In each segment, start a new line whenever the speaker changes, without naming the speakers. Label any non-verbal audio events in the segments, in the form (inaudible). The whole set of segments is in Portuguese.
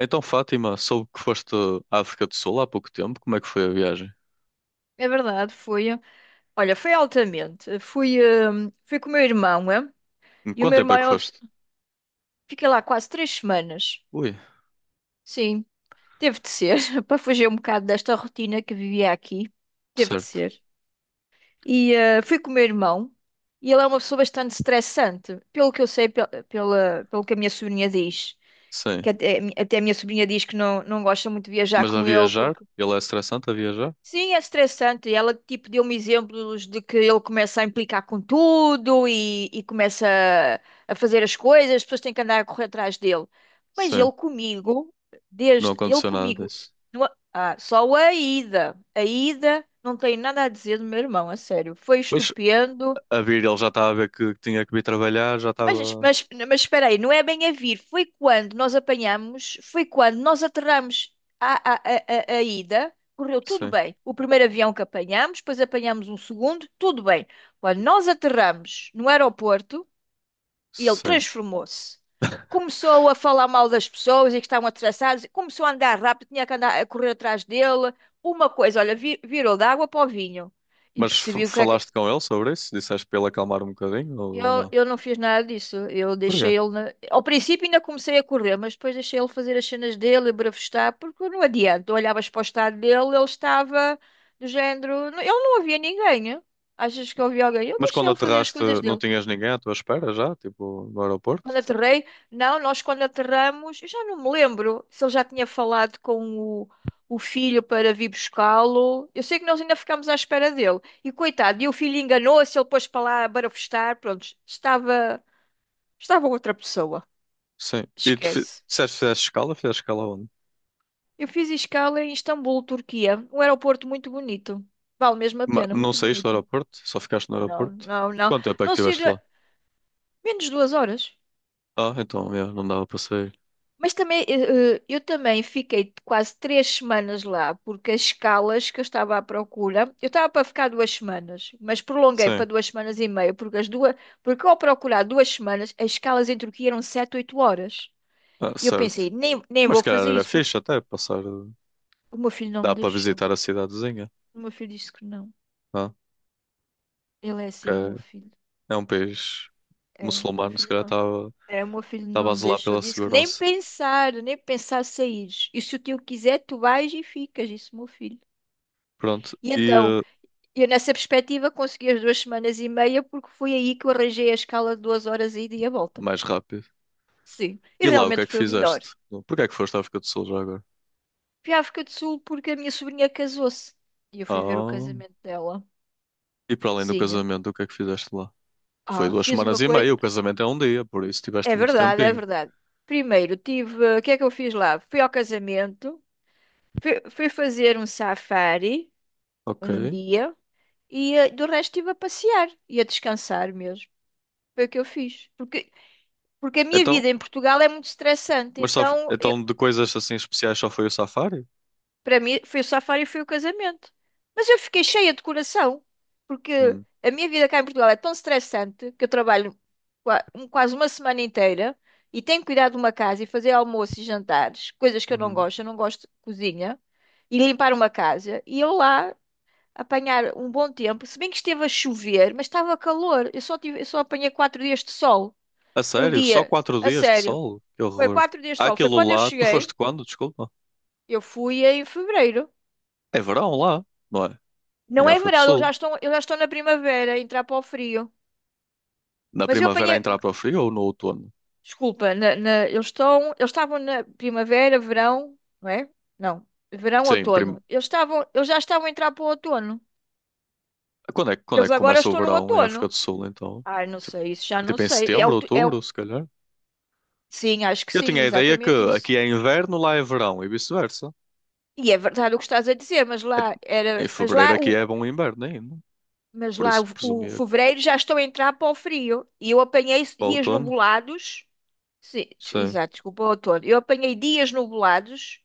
Então, Fátima, soube que foste à África do Sul há pouco tempo. Como é que foi a viagem?
É verdade, foi. Olha, foi altamente. Fui com o meu irmão, é?
Em
E o
quanto
meu
tempo
irmão,
é que
eu
foste?
fiquei lá quase 3 semanas.
Ui,
Sim, teve de ser, (laughs) para fugir um bocado desta rotina que vivia aqui. Teve de
certo.
ser. E fui com o meu irmão, e ele é uma pessoa bastante estressante, pelo que eu sei, pelo que a minha sobrinha diz.
Sim.
Que até a minha sobrinha diz que não, não gosta muito de viajar
Mas a
com ele,
viajar?
porque
Ele é estressante a viajar?
sim, é estressante. Ela tipo deu-me exemplos de que ele começa a implicar com tudo e começa a fazer as coisas, as pessoas têm que andar a correr atrás dele. Mas
Sim.
ele comigo,
Não
desde ele
aconteceu nada
comigo,
disso.
não- ah, só a ida não tem nada a dizer do meu irmão, a sério. Foi
Pois,
estupendo.
a vir ele já estava a ver que tinha que vir trabalhar, já
Mas,
estava...
mas, mas espera aí, não é bem a vir. Foi quando nós apanhamos, foi quando nós aterramos a ida, correu tudo
Sim,
bem. O primeiro avião que apanhamos, depois apanhamos um segundo, tudo bem. Quando nós aterramos no aeroporto, ele
sim.
transformou-se. Começou a falar mal das pessoas e que estavam atrasados, começou a andar rápido, tinha que andar a correr atrás dele. Uma coisa, olha, virou da água para o vinho e
Mas
percebi o que é que...
falaste com ele sobre isso? Disseste para ele acalmar um bocadinho ou
Eu,
não?
eu não fiz nada disso. Eu
Porquê?
deixei ele. Ao princípio ainda comecei a correr, mas depois deixei ele fazer as cenas dele, a bravestar, porque não adianta. Tu olhavas para o estado dele, ele estava do género. Ele não havia ninguém, hein? Achas que eu havia alguém? Eu
Mas
deixei
quando
ele fazer as
aterraste,
coisas
não
dele.
tinhas ninguém à tua espera já? Tipo, no
Quando
aeroporto?
aterrei, não, nós quando aterramos, eu já não me lembro se ele já tinha falado com o filho para vir buscá-lo. Eu sei que nós ainda ficámos à espera dele. E coitado, e o filho enganou-se, ele pôs para lá a barafustar, pronto, estava. Estava outra pessoa.
Sim. E tu
Esquece.
disseste que fizeste escala? Fizeste escala onde?
Eu fiz escala em Istambul, Turquia. Um aeroporto muito bonito. Vale mesmo a pena,
Não
muito
saíste do
bonito.
aeroporto? Só ficaste no
Não,
aeroporto?
não, não.
Quanto tempo é que
Não sei,
estiveste lá?
menos de 2 horas.
Ah, então, yeah, não dava para sair.
Mas também, eu também fiquei quase 3 semanas lá, porque as escalas que eu estava à procura, eu estava para ficar 2 semanas, mas prolonguei
Sim,
para 2 semanas e meia, porque as duas, porque ao procurar 2 semanas, as escalas em Turquia eram 7, 8 horas.
ah,
E eu
certo.
pensei, nem
Mas
vou
se calhar
fazer
era
isso,
fixe
porque
até passar.
o meu filho não
Dá
me
para
deixou.
visitar a cidadezinha,
O meu filho disse que não.
não?
Ele é
Que
assim, o
é
meu filho.
é um país
É, o meu
muçulmano, se
filho
calhar
não.
estava
É, o meu filho
estava
não
a
me
zelar
deixou
pela
disso. Que Nem
segurança.
pensar, nem pensar sair. E se o tio quiser, tu vais e ficas, disse o meu filho.
Pronto,
E
e
então, eu nessa perspectiva consegui as 2 semanas e meia, porque foi aí que eu arranjei a escala de 2 horas a ida e a volta.
mais rápido.
Sim, e
E lá, o que é
realmente
que
foi o melhor.
fizeste? Porquê é que foste à África do Sul já agora?
Fui à África do Sul porque a minha sobrinha casou-se. E eu fui ver o
Ah,
casamento dela.
e para além do
Sim.
casamento, o que é que fizeste lá? Foi
Ah,
duas
fiz uma
semanas e
coisa.
meia, o casamento é um dia, por isso tiveste
É
muito
verdade, é
tempinho.
verdade. Primeiro, tive. O que é que eu fiz lá? Fui ao casamento. Fui fazer um safari
Ok.
num dia e do resto estive a passear e a descansar mesmo. Foi o que eu fiz. Porque, porque a minha
Então,
vida em Portugal é muito estressante.
mas só,
Então,
então de coisas assim especiais só foi o safari?
para mim, foi o safari e foi o casamento. Mas eu fiquei cheia de coração. Porque
Hum.
a minha vida cá em Portugal é tão estressante que eu trabalho quase uma semana inteira e tenho que cuidar de uma casa e fazer almoço e jantares, coisas que eu não
Uhum.
gosto. Eu não gosto de cozinha e limpar uma casa. E eu lá apanhar um bom tempo, se bem que esteve a chover, mas estava calor. Eu só apanhei 4 dias de sol.
A
Um
sério? Só
dia,
quatro
a
dias de
sério.
sol? Que
Foi
horror.
4 dias de
Há
sol. Foi
Aquilo
quando eu
lá, tu foste
cheguei,
quando? Desculpa.
eu fui em fevereiro.
É verão lá, não é? Em
Não é
África do
verão, eles
Sul.
já estão, eles já estão na primavera, a entrar para o frio.
Na
Mas eu
primavera a
apanhei,
entrar para o frio ou no outono?
desculpa, eles estavam na primavera, verão, não é? Não, verão,
Sim,
outono. Eles já estavam a entrar para o outono.
quando é, quando é
Eles
que
agora
começa o
estão no
verão em África
outono.
do Sul, então?
Ai, não
Tipo,
sei, isso já não
em
sei. É...
setembro, outubro, se calhar.
sim, acho que
Eu
sim,
tinha a ideia que
exatamente isso.
aqui é inverno, lá é verão e vice-versa.
E é verdade o que estás a dizer, mas lá era,
Em fevereiro aqui é bom inverno ainda.
mas
Por
lá
isso
o
presumia que
fevereiro já estou a entrar para o frio. E eu apanhei
para o
dias
outono.
nublados. Sim,
Sim.
exato, desculpa, outono. Eu apanhei dias nublados,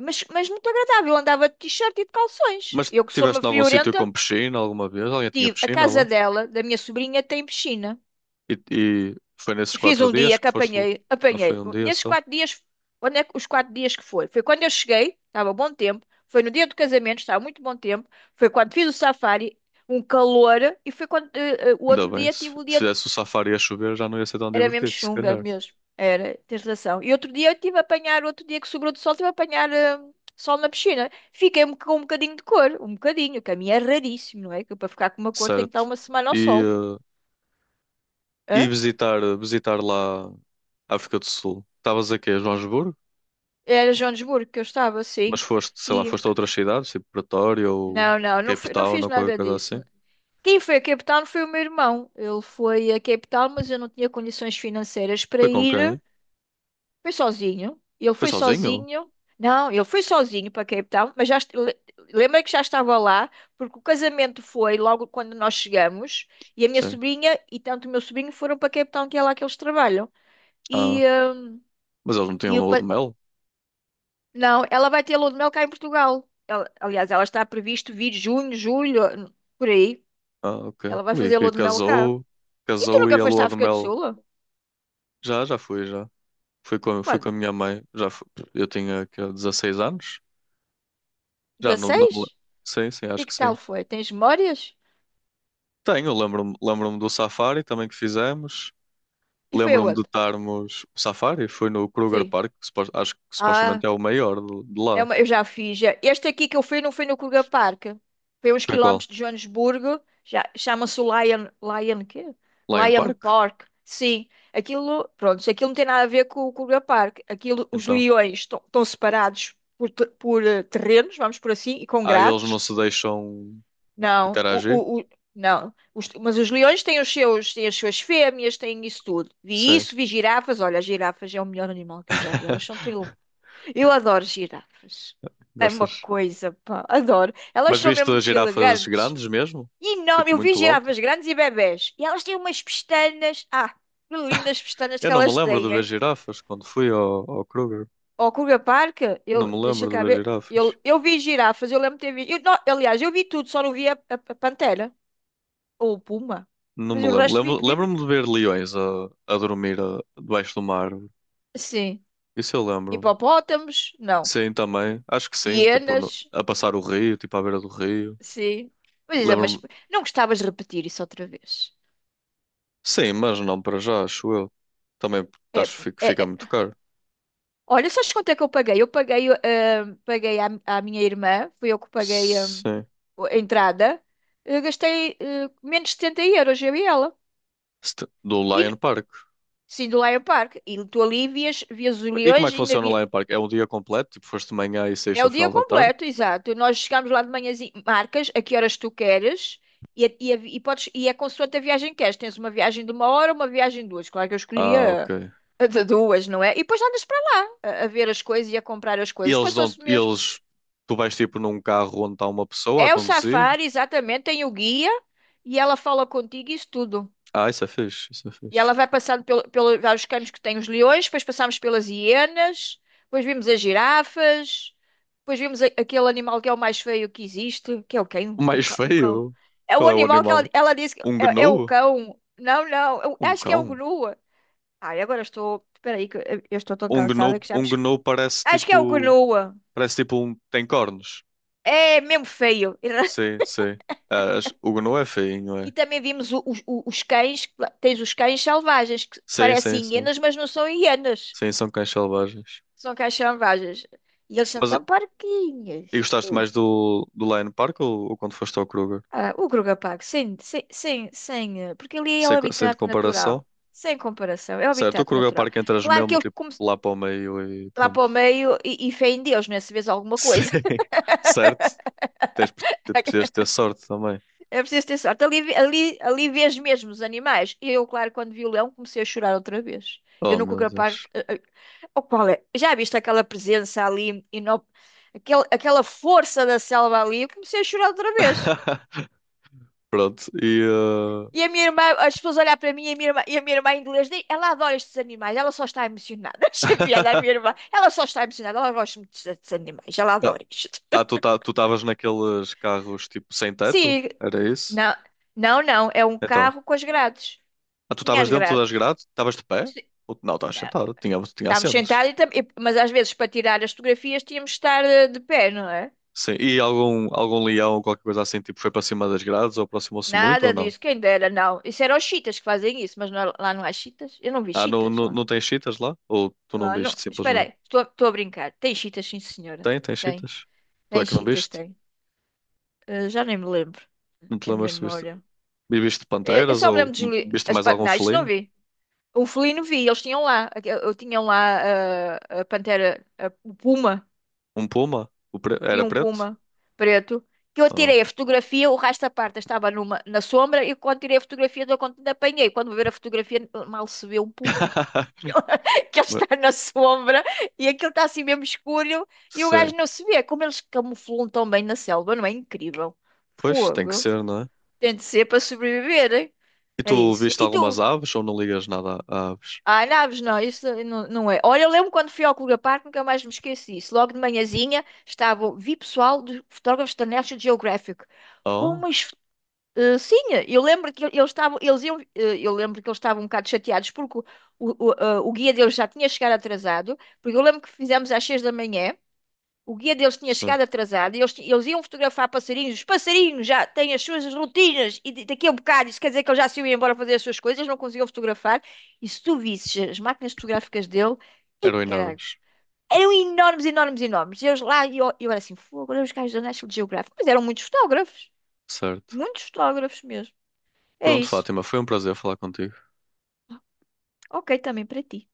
mas muito agradável. Eu andava de t-shirt e de calções.
Mas
Eu que sou uma
tiveste em algum sítio
friorenta,
com piscina alguma vez? Alguém tinha
tive a
piscina
casa
lá?
dela, da minha sobrinha, tem piscina.
E, e foi nesses
Fiz
quatro
um
dias
dia que
que foste lá?
apanhei,
Ou foi
apanhei.
um dia
Nesses
só?
4 dias, onde é que os 4 dias que foi? Foi quando eu cheguei, estava bom tempo. Foi no dia do casamento, estava muito bom tempo. Foi quando fiz o safari, um calor. E foi quando o
Ainda
outro
bem,
dia
se,
tive o
se
dia.
fizesse o safari a chover já não ia ser tão
Era mesmo
divertido, se
chunga
calhar.
mesmo. Era, tens razão. E outro dia eu tive a apanhar, outro dia que sobrou de sol, tive a apanhar sol na piscina. Fiquei com um bocadinho de cor, um bocadinho, que a minha é raríssimo, não é? Que eu, para ficar com uma cor tem que estar
Certo.
uma semana ao
E,
sol.
eh, e
Hã?
visitar, visitar lá a África do Sul. Estavas aqui a Joanesburgo,
Era Joanesburgo que eu estava,
mas
assim.
foste, sei lá, foste a outras cidades, tipo Pretória ou
Não, não, não,
Cape
não
Town
fiz
ou qualquer
nada
coisa assim.
disso. Quem foi a Cape Town foi o meu irmão. Ele foi a Cape Town, mas eu não tinha condições financeiras para
Foi com
ir.
quem?
Foi sozinho. Ele
Foi
foi
sozinho?
sozinho. Não, ele foi sozinho para Cape Town, mas lembra que já estava lá, porque o casamento foi logo quando nós chegamos, e a minha
Sim.
sobrinha e tanto o meu sobrinho foram para Cape Town, que é lá que eles trabalham.
Ah,
E,
mas eles não tinham
e o
lua de
pa-
mel?
não, ela vai ter lua de mel cá em Portugal. Aliás, ela está previsto vir junho, julho, por aí.
Ah, ok.
Ela vai
Ui,
fazer a
que
lua de mel cá.
casou,
E tu
casou e
nunca
a
foste à
lua de
África do
mel.
Sul?
Já, já fui, já. Fui com a
Quando?
minha mãe. Eu tinha que, 16 anos. Já não, não me
16.
Sim, sim,
E
acho
que
que
tal
sim.
foi? Tens memórias?
Tenho, lembro-me do safari também que fizemos.
E foi
Lembro-me de
aonde?
estarmos. O safari foi no Kruger
Sim.
Park, que acho que
Ah,
supostamente é o maior de lá.
eu já fiz. Já. Este aqui que eu fui não foi no Kruger Park. Foi uns
Foi em qual?
quilómetros de Joanesburgo. Já, chama-se o Lion... Lion quê?
Lion
Lion
Park?
Park. Sim. Aquilo, pronto, aquilo não tem nada a ver com o Kruger Park. Aquilo, os
Então.
leões estão separados por, por terrenos, vamos por assim, e com
Ah, eles não
grades.
se deixam
Não,
interagir?
o, o- não. Mas os leões têm os seus, têm as suas fêmeas, têm isso tudo. Vi
Sim.
isso, vi girafas. Olha, as girafas é o melhor animal que eu já vi. Elas são tão... ele-
(laughs)
Eu adoro girafas. É uma
Gostas?
coisa, pá, adoro. Elas
Mas
são
viste
mesmo
as
muito
girafas
elegantes.
grandes mesmo?
E enorme.
Tipo,
Eu vi
muito
girafas
altas?
grandes e bebés. E elas têm umas pestanas. Ah, que lindas pestanas
Eu
que
não me
elas
lembro de
têm,
ver
hein?
girafas quando fui ao Kruger.
Ao Kruger Park, eu,
Não me
deixa
lembro de
cá
ver
ver.
girafas.
Eu vi girafas, eu lembro de ter visto. Eu, não, aliás, eu vi tudo, só não vi a pantera. Ou puma.
Não
Mas
me
o
lembro.
resto vimos.
Lembro-me de ver leões a dormir debaixo de uma árvore.
Sim.
Isso eu lembro-me.
Hipopótamos? Não.
Sim, também. Acho que sim. Tipo,
Hienas?
a passar o rio, tipo, à beira do rio.
Sim. Mas,
Lembro-me.
não gostavas de repetir isso outra vez.
Sim, mas não para já, acho eu. Também
É,
acho que
é,
fica
é.
muito caro.
Olha, sabes quanto é que eu paguei? Eu paguei à minha irmã, fui eu que paguei,
Sim.
a entrada. Eu gastei, menos de 70€, eu e ela.
Do
E,
Lion Park.
sim, do Lion Park. E tu ali vias, vias os
E como é
leões,
que
ainda
funciona
vi...
o Lion Park? É um dia completo? Tipo, foste de manhã e saíste
É o
ao
dia
final da tarde?
completo, exato. Nós chegamos lá de manhãzinha, marcas a que horas tu queres e, a vi- e podes, e é consoante a viagem que queres. Tens uma viagem de uma hora, uma viagem de duas. Claro que eu
Ah, ok.
escolhia a de duas, não é? E depois andas para lá a ver as coisas e a comprar as
E
coisas.
eles dão,
Passou-se mesmo.
eles, tu vais tipo num carro onde está uma pessoa a
É o
conduzir?
safari, exatamente. Tem o guia e ela fala contigo isso tudo.
Ah, isso é fixe, isso é
E
fixe.
ela vai passando pelo vários caminhos que tem os leões, depois passamos pelas hienas, depois vimos as girafas, depois vimos aquele animal que é o mais feio que existe, que é o
O
quem? O,
mais
o cão.
feio?
É o
Qual é o
animal que ela,
animal?
ela disse que
Um
é, é o
gnu?
cão. Não, não, eu
Um
acho que é o
cão?
gnu. Ai, agora estou. Espera aí, que eu estou tão
Um
cansada
gnu,
que já me...
um gnu parece
Acho que é o
tipo,
gnu.
parece tipo um, tem cornos.
É mesmo feio. (laughs)
Sim, sim. Ah, o gnu é feinho,
E
é.
também vimos os cães, tens os cães selvagens, que
Sim, sim,
parecem
sim.
hienas, mas não são hienas.
Sim, são cães selvagens.
São caixambajas. E eles são
Mas
tão
e
parquinhos.
gostaste
Ui.
mais do Lion Park ou quando foste ao Kruger?
Ah, o Grugapago, sem porque ali é o
Sem, sem de
habitat natural.
comparação?
Sem comparação, é o
Certo, o
habitat
Kruger
natural.
Park entras
Claro que
mesmo
eles
tipo
como
lá para o meio e
lá para
pronto.
o meio e fé em Deus, né? Se vês
(laughs)
alguma
Sim,
coisa.
certo. Tens, precisas
(laughs)
ter sorte também.
É preciso ter sorte. Ali, ali vês mesmo os animais. E eu, claro, quando vi o leão, comecei a chorar outra vez. Eu
Oh
nunca
meu
grapar.
Deus.
O qual é? Já viste aquela presença ali, e não, aquele, aquela força da selva ali? Eu comecei a chorar outra vez.
(laughs) Pronto, e
E a minha irmã, as pessoas olhar para mim e a minha irmã, e a minha irmã em inglês, diz, ela adora estes animais, ela só está emocionada. (laughs) Achei piada a
(laughs)
minha irmã, ela só está emocionada, ela gosta muito destes animais, ela adora isto.
Ah, tu estavas naqueles carros tipo sem teto?
Sim,
Era isso?
não, não, não, é um
Então.
carro com as grades.
Ah, tu
Tinha
estavas
as
dentro das
grades.
grades? Estavas de pé?
Sim.
Não, estavas
Não.
sentado, tinha
Estávamos
assentos.
sentados, e, mas às vezes para tirar as fotografias tínhamos de estar de pé, não é?
Sim. E algum leão ou qualquer coisa assim tipo foi para cima das grades ou aproximou-se muito ou
Nada
não?
disso, quem dera, não. Isso eram os chitas que fazem isso, mas lá não há chitas. Eu não vi
Ah, não,
chitas
não,
lá.
não tens cheetahs lá? Ou tu não
Lá não.
viste
Espera aí,
simplesmente?
estou, estou a brincar. Tem chitas, sim, senhora.
Tem
Tem.
cheetahs. Tu
Tem
é que não
Cheetas,
viste?
tem. Já nem me lembro.
Não te
É a minha
lembras se viste?
memória.
E viste
Eu
panteras
só me
ou
lembro de Julie.
viste
As
mais
pan...
algum
Não, isto não
felino?
vi. O felino vi, eles tinham lá. Eu tinham lá a pantera, o puma.
Um puma?
Tinha
Era
um
preto?
puma preto. Que eu
Ah.
tirei a fotografia, o resto da parte estava numa, na sombra. E quando tirei a fotografia, eu quando apanhei. Quando vou ver a fotografia, mal se vê um puma. (laughs) Que ele
(laughs)
que ele
Mas-
está na sombra e aquilo está assim mesmo escuro. E o
Sim.
gajo não se vê. Como eles camuflam tão bem na selva, não é incrível?
Pois, tem que
Fogo.
ser, não é?
Tem de ser para sobreviver.
E
É
tu
isso.
viste
E
algumas
tu?
aves ou não ligas nada a aves?
Ah, naves, não, isso não, não é. Olha, eu lembro quando fui ao Clube Parque, nunca mais me esqueci disso. Logo de manhãzinha estava, vi pessoal de fotógrafos da National Geographic. Oh,
Oh,
mas sim, eu lembro que eles estavam, eles iam, eu lembro que eles estavam um bocado chateados porque o guia deles já tinha chegado atrasado, porque eu lembro que fizemos às 6 da manhã, o guia deles tinha
sim.
chegado atrasado e eles, eles iam fotografar passarinhos. Os passarinhos já têm as suas rotinas e daqui a um bocado isso quer dizer que eles já se iam embora fazer as suas coisas, eles não conseguiam fotografar. E se tu visses as máquinas fotográficas dele, e
Eram
caralho,
enormes.
eram enormes, enormes, enormes. E eles lá, e eu era assim, fogo, olha os gajos da National Geographic. Mas eram
Certo.
muitos fotógrafos mesmo. É
Pronto,
isso.
Fátima, foi um prazer falar contigo.
Ok, também para ti.